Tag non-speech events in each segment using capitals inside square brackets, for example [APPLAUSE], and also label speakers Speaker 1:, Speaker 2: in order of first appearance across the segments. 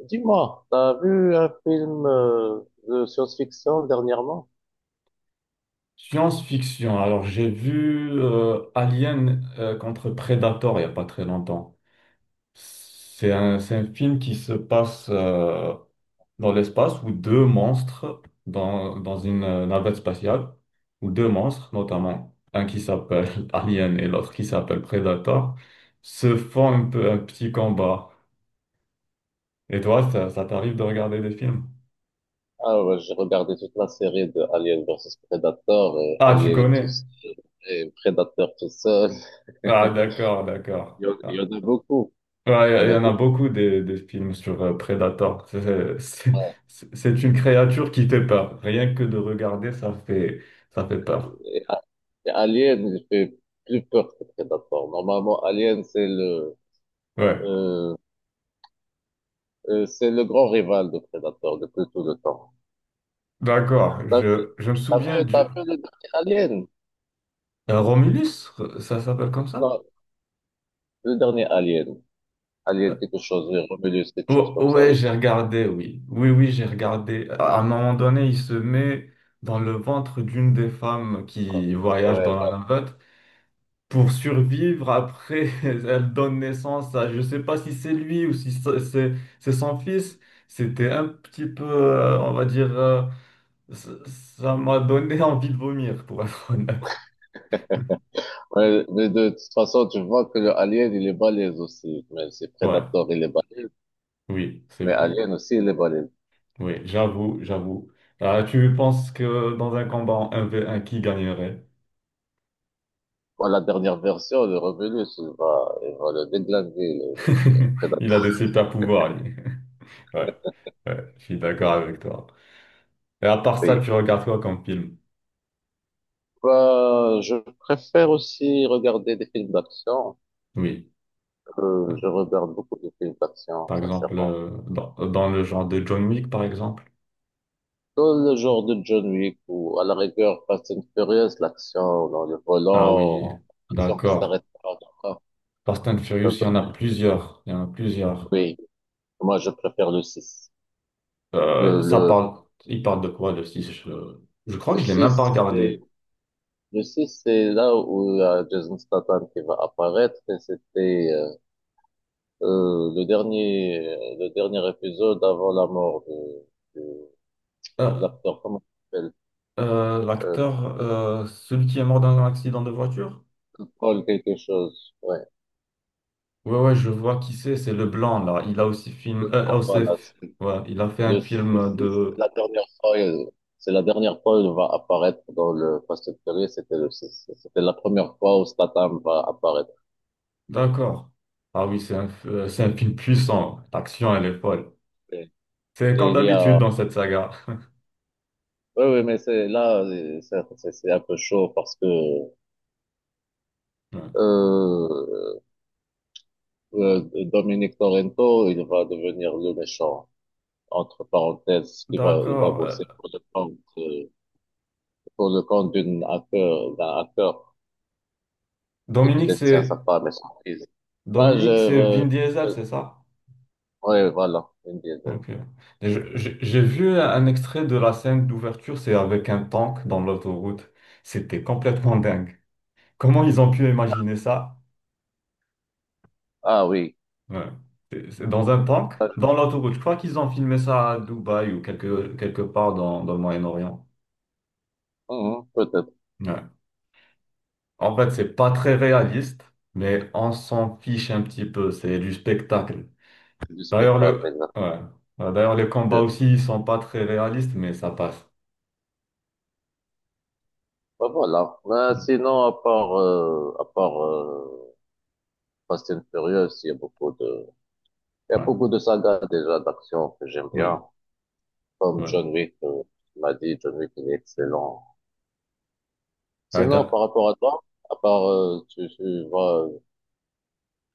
Speaker 1: Dis-moi, t'as vu un film de science-fiction dernièrement?
Speaker 2: Science-fiction. Alors, j'ai vu Alien contre Predator il n'y a pas très longtemps. C'est un film qui se passe dans l'espace où deux monstres, dans une navette spatiale, où deux monstres, notamment un qui s'appelle [LAUGHS] Alien et l'autre qui s'appelle Predator, se font un peu un petit combat. Et toi, ça t'arrive de regarder des films?
Speaker 1: Ah ouais, j'ai regardé toute la série de Alien versus Predator et
Speaker 2: Ah, tu
Speaker 1: Alien tout
Speaker 2: connais?
Speaker 1: seul et Predator tout seul.
Speaker 2: Ah, d'accord, d'accord.
Speaker 1: Il y
Speaker 2: Ah,
Speaker 1: en a beaucoup, il y
Speaker 2: ouais,
Speaker 1: en
Speaker 2: il y
Speaker 1: a
Speaker 2: en a
Speaker 1: beaucoup.
Speaker 2: beaucoup des films sur Predator.
Speaker 1: Ouais.
Speaker 2: C'est une créature qui fait peur. Rien que de regarder, ça fait peur.
Speaker 1: Et, A- et Alien, il fait plus peur que Predator. Normalement, Alien,
Speaker 2: Ouais,
Speaker 1: euh, c'est le grand rival de Predator depuis tout le temps.
Speaker 2: d'accord.
Speaker 1: T'as
Speaker 2: Je me
Speaker 1: t'as
Speaker 2: souviens
Speaker 1: vu, t'as
Speaker 2: du...
Speaker 1: vu le dernier Alien?
Speaker 2: Romulus, ça s'appelle comme ça?
Speaker 1: Non, le dernier Alien. Alien
Speaker 2: Euh,
Speaker 1: quelque chose, oui, Romulus quelque chose
Speaker 2: oh,
Speaker 1: comme ça,
Speaker 2: ouais,
Speaker 1: oui.
Speaker 2: j'ai regardé, oui. Oui, oui, j'ai regardé. À un moment donné, il se met dans le ventre d'une des femmes qui voyage
Speaker 1: Ouais,
Speaker 2: dans la
Speaker 1: voilà.
Speaker 2: navette pour survivre. Après, [LAUGHS] elle donne naissance à, je sais pas si c'est lui ou si c'est c'est son fils. C'était un petit peu, on va dire, ça m'a donné [LAUGHS] envie de vomir, pour être honnête.
Speaker 1: Ouais, mais de toute façon, tu vois que le Alien, il est balèze aussi. Mais c'est
Speaker 2: Ouais,
Speaker 1: Predator, il est balèze.
Speaker 2: oui, c'est
Speaker 1: Mais
Speaker 2: vrai.
Speaker 1: Alien aussi, il est balèze.
Speaker 2: Oui, j'avoue, j'avoue. Ah, tu penses que dans un combat en 1v1, qui gagnerait?
Speaker 1: Bon, la dernière version, le Romulus, il va le déglinguer, le
Speaker 2: [LAUGHS] Il a des
Speaker 1: Predator.
Speaker 2: super pouvoirs, lui. [LAUGHS] Ouais, ouais, je suis d'accord avec toi. Et à part ça,
Speaker 1: Oui.
Speaker 2: tu regardes quoi comme film?
Speaker 1: Bah, je préfère aussi regarder des films d'action.
Speaker 2: Oui.
Speaker 1: Je regarde beaucoup de films d'action,
Speaker 2: Par exemple,
Speaker 1: sincèrement.
Speaker 2: dans le genre de John Wick, par exemple.
Speaker 1: Dans le genre de John Wick ou à la rigueur Fast and Furious, l'action dans le
Speaker 2: Ah oui,
Speaker 1: volant, l'action qui s'arrête
Speaker 2: d'accord.
Speaker 1: pas.
Speaker 2: Fast and
Speaker 1: Ça
Speaker 2: Furious, il y en a
Speaker 1: donne,
Speaker 2: plusieurs. Il y en a plusieurs.
Speaker 1: oui. Moi, je préfère le six. Le,
Speaker 2: Euh, ça
Speaker 1: le,
Speaker 2: parle, il parle de quoi, le 6? Je crois
Speaker 1: le
Speaker 2: que je l'ai même pas
Speaker 1: 6,
Speaker 2: regardé.
Speaker 1: c'est, le 6 c'est là où il y a Jason Statham qui va apparaître et c'était, euh, le dernier, le dernier épisode avant la mort de, de
Speaker 2: Euh,
Speaker 1: l'acteur, comment il s'appelle? Euh,
Speaker 2: l'acteur, celui qui est mort dans un accident de voiture?
Speaker 1: Paul quelque chose, ouais.
Speaker 2: Ouais, ouais, je vois qui c'est le blanc, là. Il a aussi
Speaker 1: Le,
Speaker 2: film,
Speaker 1: ah, voilà, c'est-
Speaker 2: ouais, il a fait
Speaker 1: le,
Speaker 2: un
Speaker 1: le
Speaker 2: film
Speaker 1: 6, c'est
Speaker 2: de...
Speaker 1: la dernière fois, c'est la dernière fois où il va apparaître dans le Fast and Furious, c'était le 6. C'était la première fois où Statham va apparaître.
Speaker 2: D'accord. Ah oui, c'est un film puissant. L'action, elle est folle.
Speaker 1: Et,
Speaker 2: C'est
Speaker 1: et
Speaker 2: comme
Speaker 1: il y a,
Speaker 2: d'habitude dans cette saga.
Speaker 1: Oui, oui, mais c'est là, c'est un peu chaud parce que
Speaker 2: Ouais.
Speaker 1: euh, euh, Dominic Torrento, il va devenir le méchant, entre parenthèses, il va
Speaker 2: D'accord.
Speaker 1: bosser pour le compte d'une hacker, d'un hacker qui
Speaker 2: Dominique,
Speaker 1: détient sa
Speaker 2: c'est
Speaker 1: femme et son fils. Ah, je,
Speaker 2: Dominique, c'est
Speaker 1: euh,
Speaker 2: Vin Diesel,
Speaker 1: euh,
Speaker 2: c'est ça?
Speaker 1: ouais, voilà, Vin Diesel.
Speaker 2: Donc, j'ai vu un extrait de la scène d'ouverture, c'est avec un tank dans l'autoroute. C'était complètement dingue. Comment ils ont pu imaginer ça?
Speaker 1: Ah oui.
Speaker 2: Ouais. C'est dans un tank,
Speaker 1: Ah,
Speaker 2: dans l'autoroute. Je crois qu'ils ont filmé ça à Dubaï ou quelque part dans le Moyen-Orient.
Speaker 1: peut-être
Speaker 2: Ouais. En fait, c'est pas très réaliste, mais on s'en fiche un petit peu. C'est du spectacle.
Speaker 1: du
Speaker 2: D'ailleurs,
Speaker 1: spectacle,
Speaker 2: le,
Speaker 1: exact.
Speaker 2: ouais. Ouais, d'ailleurs, les combats
Speaker 1: Euh,
Speaker 2: aussi, ils sont pas très réalistes, mais ça passe.
Speaker 1: bah, voilà. Bah, sinon, à part Fast and Furious, il y a beaucoup de. Il y a
Speaker 2: Ouais,
Speaker 1: beaucoup de sagas déjà d'action que j'aime
Speaker 2: oui,
Speaker 1: bien, comme John
Speaker 2: ouais.
Speaker 1: Wick, tu m'as dit, John Wick, il est excellent.
Speaker 2: Ouais,
Speaker 1: Sinon, par
Speaker 2: d'a-
Speaker 1: rapport à toi, tu, tu vois,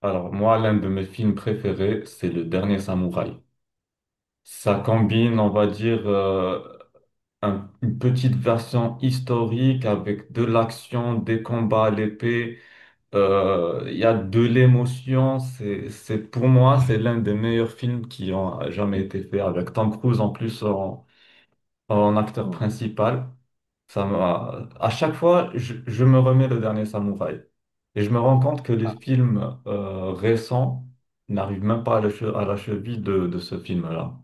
Speaker 2: Alors, moi, l'un de mes films préférés, c'est Le Dernier Samouraï. Ça combine, on va dire, une petite version historique avec de l'action, des combats à l'épée. Il y a de l'émotion. Pour moi, c'est l'un des meilleurs films qui ont jamais été faits, avec Tom Cruise en plus en acteur
Speaker 1: hmm,
Speaker 2: principal. Ça m'a... À chaque fois, je me remets le dernier samouraï. Et je me rends compte que les films récents n'arrivent même pas à la, à la cheville de ce film-là.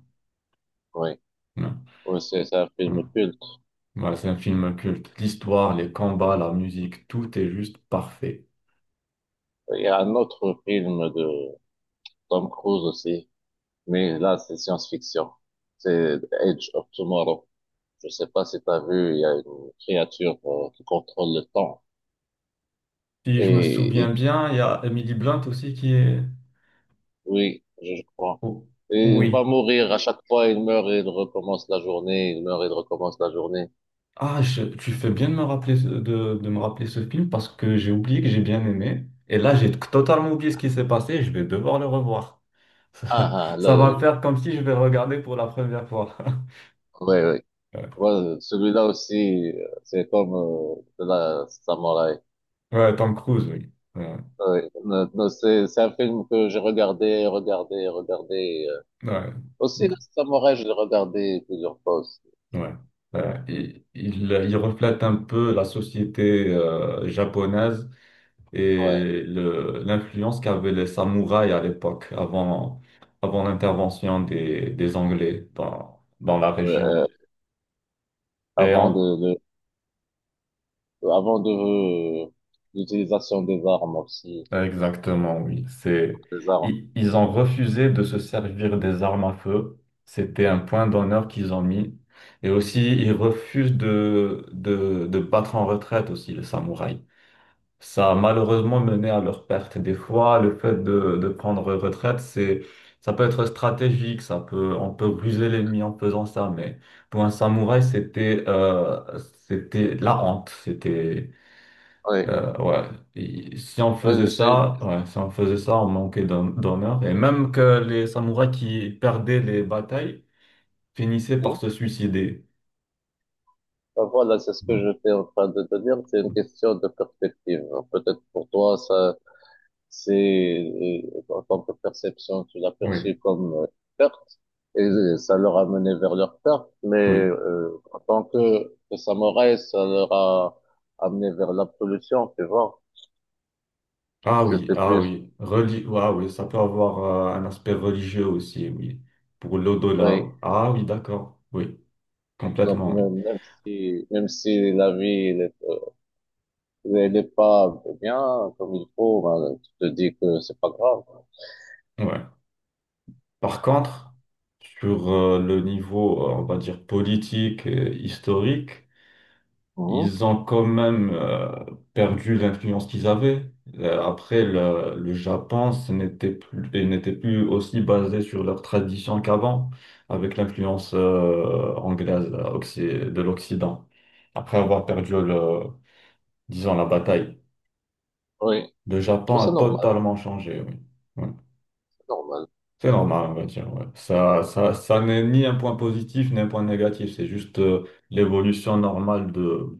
Speaker 1: oui,
Speaker 2: Non,
Speaker 1: oui, c'est un
Speaker 2: non.
Speaker 1: film culte.
Speaker 2: Voilà, c'est un film culte. L'histoire, les combats, la musique, tout est juste parfait.
Speaker 1: Il y a un autre film de Tom Cruise aussi, mais là, c'est science-fiction. C'est Edge of Tomorrow. Je sais pas si tu as vu, il y a une créature qui contrôle le temps.
Speaker 2: Si je me
Speaker 1: Et
Speaker 2: souviens bien, il y a Emily Blunt aussi qui est...
Speaker 1: oui, je crois.
Speaker 2: Oh,
Speaker 1: Et il va
Speaker 2: oui.
Speaker 1: mourir à chaque fois, il meurt et il recommence la journée, il meurt et il recommence la journée.
Speaker 2: Ah, tu fais bien de me rappeler, de me rappeler ce film parce que j'ai oublié que j'ai bien aimé. Et là, j'ai totalement oublié ce qui s'est passé et je vais devoir le revoir. [LAUGHS]
Speaker 1: Ah, ah,
Speaker 2: Ça va
Speaker 1: là,
Speaker 2: me faire comme si je vais le regarder pour la première fois. [LAUGHS]
Speaker 1: ouais, ouais.
Speaker 2: Ouais,
Speaker 1: Ouais, celui-là aussi, c'est comme de la Samouraï.
Speaker 2: ouais, Tom Cruise, oui. Ouais,
Speaker 1: Ouais. Non, non, c'est un film que j'ai regardé, regardé, regardé.
Speaker 2: ouais,
Speaker 1: Aussi, le Samouraï, je l'ai regardé plusieurs fois aussi.
Speaker 2: ouais. Ouais. Il reflète un peu la société japonaise,
Speaker 1: Ouais.
Speaker 2: et l'influence qu'avaient les samouraïs à l'époque, avant, avant l'intervention des Anglais dans la
Speaker 1: Euh,
Speaker 2: région.
Speaker 1: euh,
Speaker 2: Et
Speaker 1: avant
Speaker 2: en-
Speaker 1: de, de- avant de euh, l'utilisation des armes aussi.
Speaker 2: exactement, oui. C'est,
Speaker 1: Des armes.
Speaker 2: ils ont refusé de se servir des armes à feu. C'était un point d'honneur qu'ils ont mis. Et aussi, ils refusent de battre en retraite aussi, les samouraïs. Ça a malheureusement mené à leur perte. Des fois, le fait de prendre retraite, c'est, ça peut être stratégique, ça peut, on peut ruser l'ennemi en faisant ça, mais pour un samouraï, c'était, c'était la honte. C'était,
Speaker 1: Oui,
Speaker 2: ouais. Et si on
Speaker 1: oui,
Speaker 2: faisait
Speaker 1: je sais.
Speaker 2: ça, ouais, si on faisait ça, on manquait d'honneur. Et même que les samouraïs qui perdaient les batailles finissaient par
Speaker 1: Hmm?
Speaker 2: se suicider.
Speaker 1: Ben voilà, c'est ce que j'étais en train de te dire. C'est une question de perspective. Peut-être pour toi, ça, c'est, en tant que perception, tu l'as
Speaker 2: Oui,
Speaker 1: perçu comme perte et ça leur a mené vers leur perte. Mais
Speaker 2: oui.
Speaker 1: en tant que samouraï, ça leur a amené vers l'absolution, tu vois.
Speaker 2: Ah oui,
Speaker 1: C'était
Speaker 2: ah
Speaker 1: plus,
Speaker 2: oui, ah oui, ça peut avoir un aspect religieux aussi, oui, pour l'au-delà.
Speaker 1: oui.
Speaker 2: Oui. Ah oui, d'accord, oui,
Speaker 1: Donc
Speaker 2: complètement, oui.
Speaker 1: même, même si la vie, elle est pas bien comme il faut, ben, tu te dis que c'est pas grave.
Speaker 2: Ouais. Par contre, sur le niveau, on va dire, politique et historique,
Speaker 1: Mhm.
Speaker 2: ils ont quand même perdu l'influence qu'ils avaient. Le Japon, ce n'était plus, et n'était plus aussi basé sur leur tradition qu'avant, avec l'influence anglaise de l'Occident. Après avoir perdu le, disons, la bataille,
Speaker 1: Oui.
Speaker 2: le
Speaker 1: Je
Speaker 2: Japon
Speaker 1: trouve
Speaker 2: a
Speaker 1: ça normal.
Speaker 2: totalement changé, oui. Oui.
Speaker 1: Normal.
Speaker 2: C'est normal, on va dire. Ouais. Ça n'est ni un point positif ni un point négatif. C'est juste l'évolution normale de,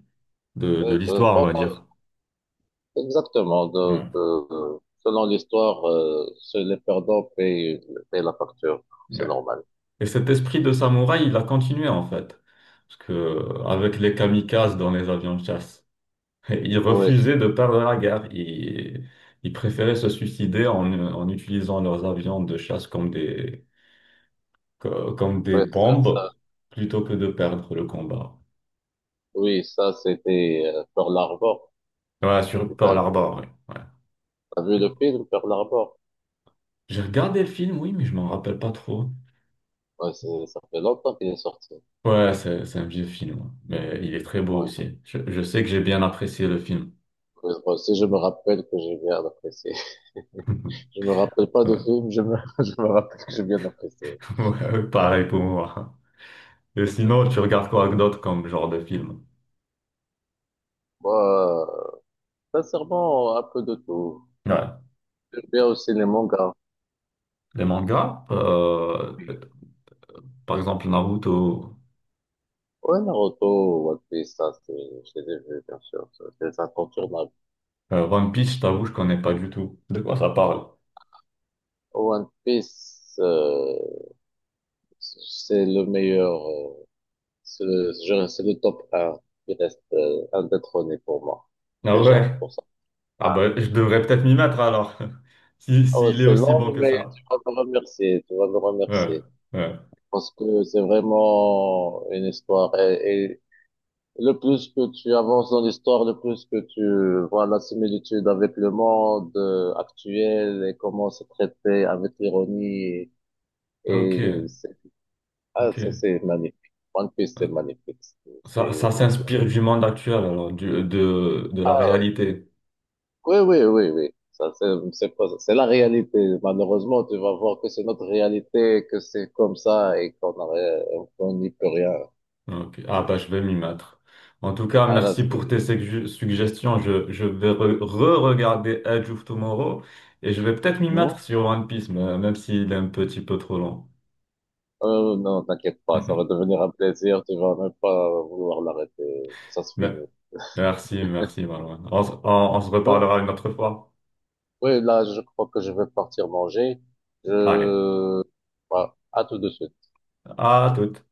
Speaker 2: de, de
Speaker 1: Oui, euh,
Speaker 2: l'histoire, on va
Speaker 1: pendant-
Speaker 2: dire.
Speaker 1: exactement. Donc,
Speaker 2: Ouais.
Speaker 1: selon l'histoire, seul les perdants payent, payent la facture.
Speaker 2: Ouais.
Speaker 1: C'est normal.
Speaker 2: Et cet esprit de samouraï, il a continué en fait. Parce que, avec les kamikazes dans les avions de chasse, [LAUGHS] il
Speaker 1: Oui,
Speaker 2: refusait de perdre la guerre. Il préférait se suicider en, en utilisant leurs avions de chasse comme des, comme des
Speaker 1: oui,
Speaker 2: bombes plutôt que de perdre le combat.
Speaker 1: oui, ça, c'était Pearl Harbor.
Speaker 2: Ouais, sur
Speaker 1: Tu
Speaker 2: Pearl
Speaker 1: T'as,
Speaker 2: Harbor, ouais.
Speaker 1: t'as vu le
Speaker 2: Ouais.
Speaker 1: film Pearl Harbor?
Speaker 2: J'ai regardé le film, oui, mais je m'en rappelle pas trop.
Speaker 1: Ouais, c'est, ça fait longtemps qu'il est sorti.
Speaker 2: Ouais, c'est un vieux film, ouais, mais il est très beau
Speaker 1: Ouais.
Speaker 2: aussi. Je sais que j'ai bien apprécié le film. [LAUGHS]
Speaker 1: Mais moi aussi, je me rappelle que j'ai bien apprécié. [LAUGHS] Je me rappelle pas de
Speaker 2: Ouais,
Speaker 1: film, [LAUGHS] je me rappelle que j'ai bien apprécié.
Speaker 2: [LAUGHS] ouais, pareil pour moi. Et sinon, tu regardes quoi d'autre comme genre de film?
Speaker 1: Moi, euh, sincèrement, un peu de tout.
Speaker 2: Ouais.
Speaker 1: J'aime bien aussi les mangas.
Speaker 2: Les mangas, par exemple Naruto,
Speaker 1: Ouais, Naruto, One Piece, ça, c'est, je les ai vus, bien sûr, ça, c'est incontournable.
Speaker 2: One Piece, je t'avoue, je connais pas du tout. De quoi ça parle?
Speaker 1: One Piece, c'est le meilleur, c'est le top un, qui reste indétrôné pour moi,
Speaker 2: Ah
Speaker 1: déjà,
Speaker 2: ouais?
Speaker 1: pour ça.
Speaker 2: Ah
Speaker 1: Ah,
Speaker 2: bah, je devrais peut-être m'y mettre alors. [LAUGHS] Si,
Speaker 1: oh,
Speaker 2: s'il est
Speaker 1: c'est
Speaker 2: aussi
Speaker 1: long,
Speaker 2: bon que
Speaker 1: mais
Speaker 2: ça.
Speaker 1: tu vas me remercier, tu vas me
Speaker 2: Ouais,
Speaker 1: remercier,
Speaker 2: ouais.
Speaker 1: parce que c'est vraiment une histoire, et, le plus que tu avances dans l'histoire, le plus que tu vois la similitude avec le monde actuel et comment c'est traité avec ironie.
Speaker 2: Ok,
Speaker 1: Et c'est, ah, ça,
Speaker 2: ok.
Speaker 1: c'est magnifique. One Piece, c'est magnifique.
Speaker 2: Ça s'inspire du monde actuel, alors, du, de la
Speaker 1: Ah,
Speaker 2: réalité.
Speaker 1: oui, oui, oui, oui. Ça, c'est pas, c'est la réalité. Malheureusement, tu vas voir que c'est notre réalité, que c'est comme ça et qu'on n'a rien- on n'y peut rien.
Speaker 2: Ok. Ah bah je vais m'y mettre. En tout cas,
Speaker 1: Ah, là,
Speaker 2: merci pour
Speaker 1: c'est,
Speaker 2: tes suggestions. Je vais re-regarder Edge of Tomorrow et je vais peut-être m'y
Speaker 1: hmm?
Speaker 2: mettre sur One Piece, mais- même s'il est un petit peu trop long.
Speaker 1: Non, t'inquiète pas, ça va
Speaker 2: [LAUGHS]
Speaker 1: devenir un plaisir, tu vas même pas vouloir l'arrêter, ça se
Speaker 2: Mais-
Speaker 1: finit.
Speaker 2: merci, merci Marouane. On, s- on se
Speaker 1: Euh,
Speaker 2: reparlera une autre fois.
Speaker 1: Oui, là, je crois que je vais partir manger.
Speaker 2: Allez,
Speaker 1: Je... Bah, à tout de suite.
Speaker 2: à toute.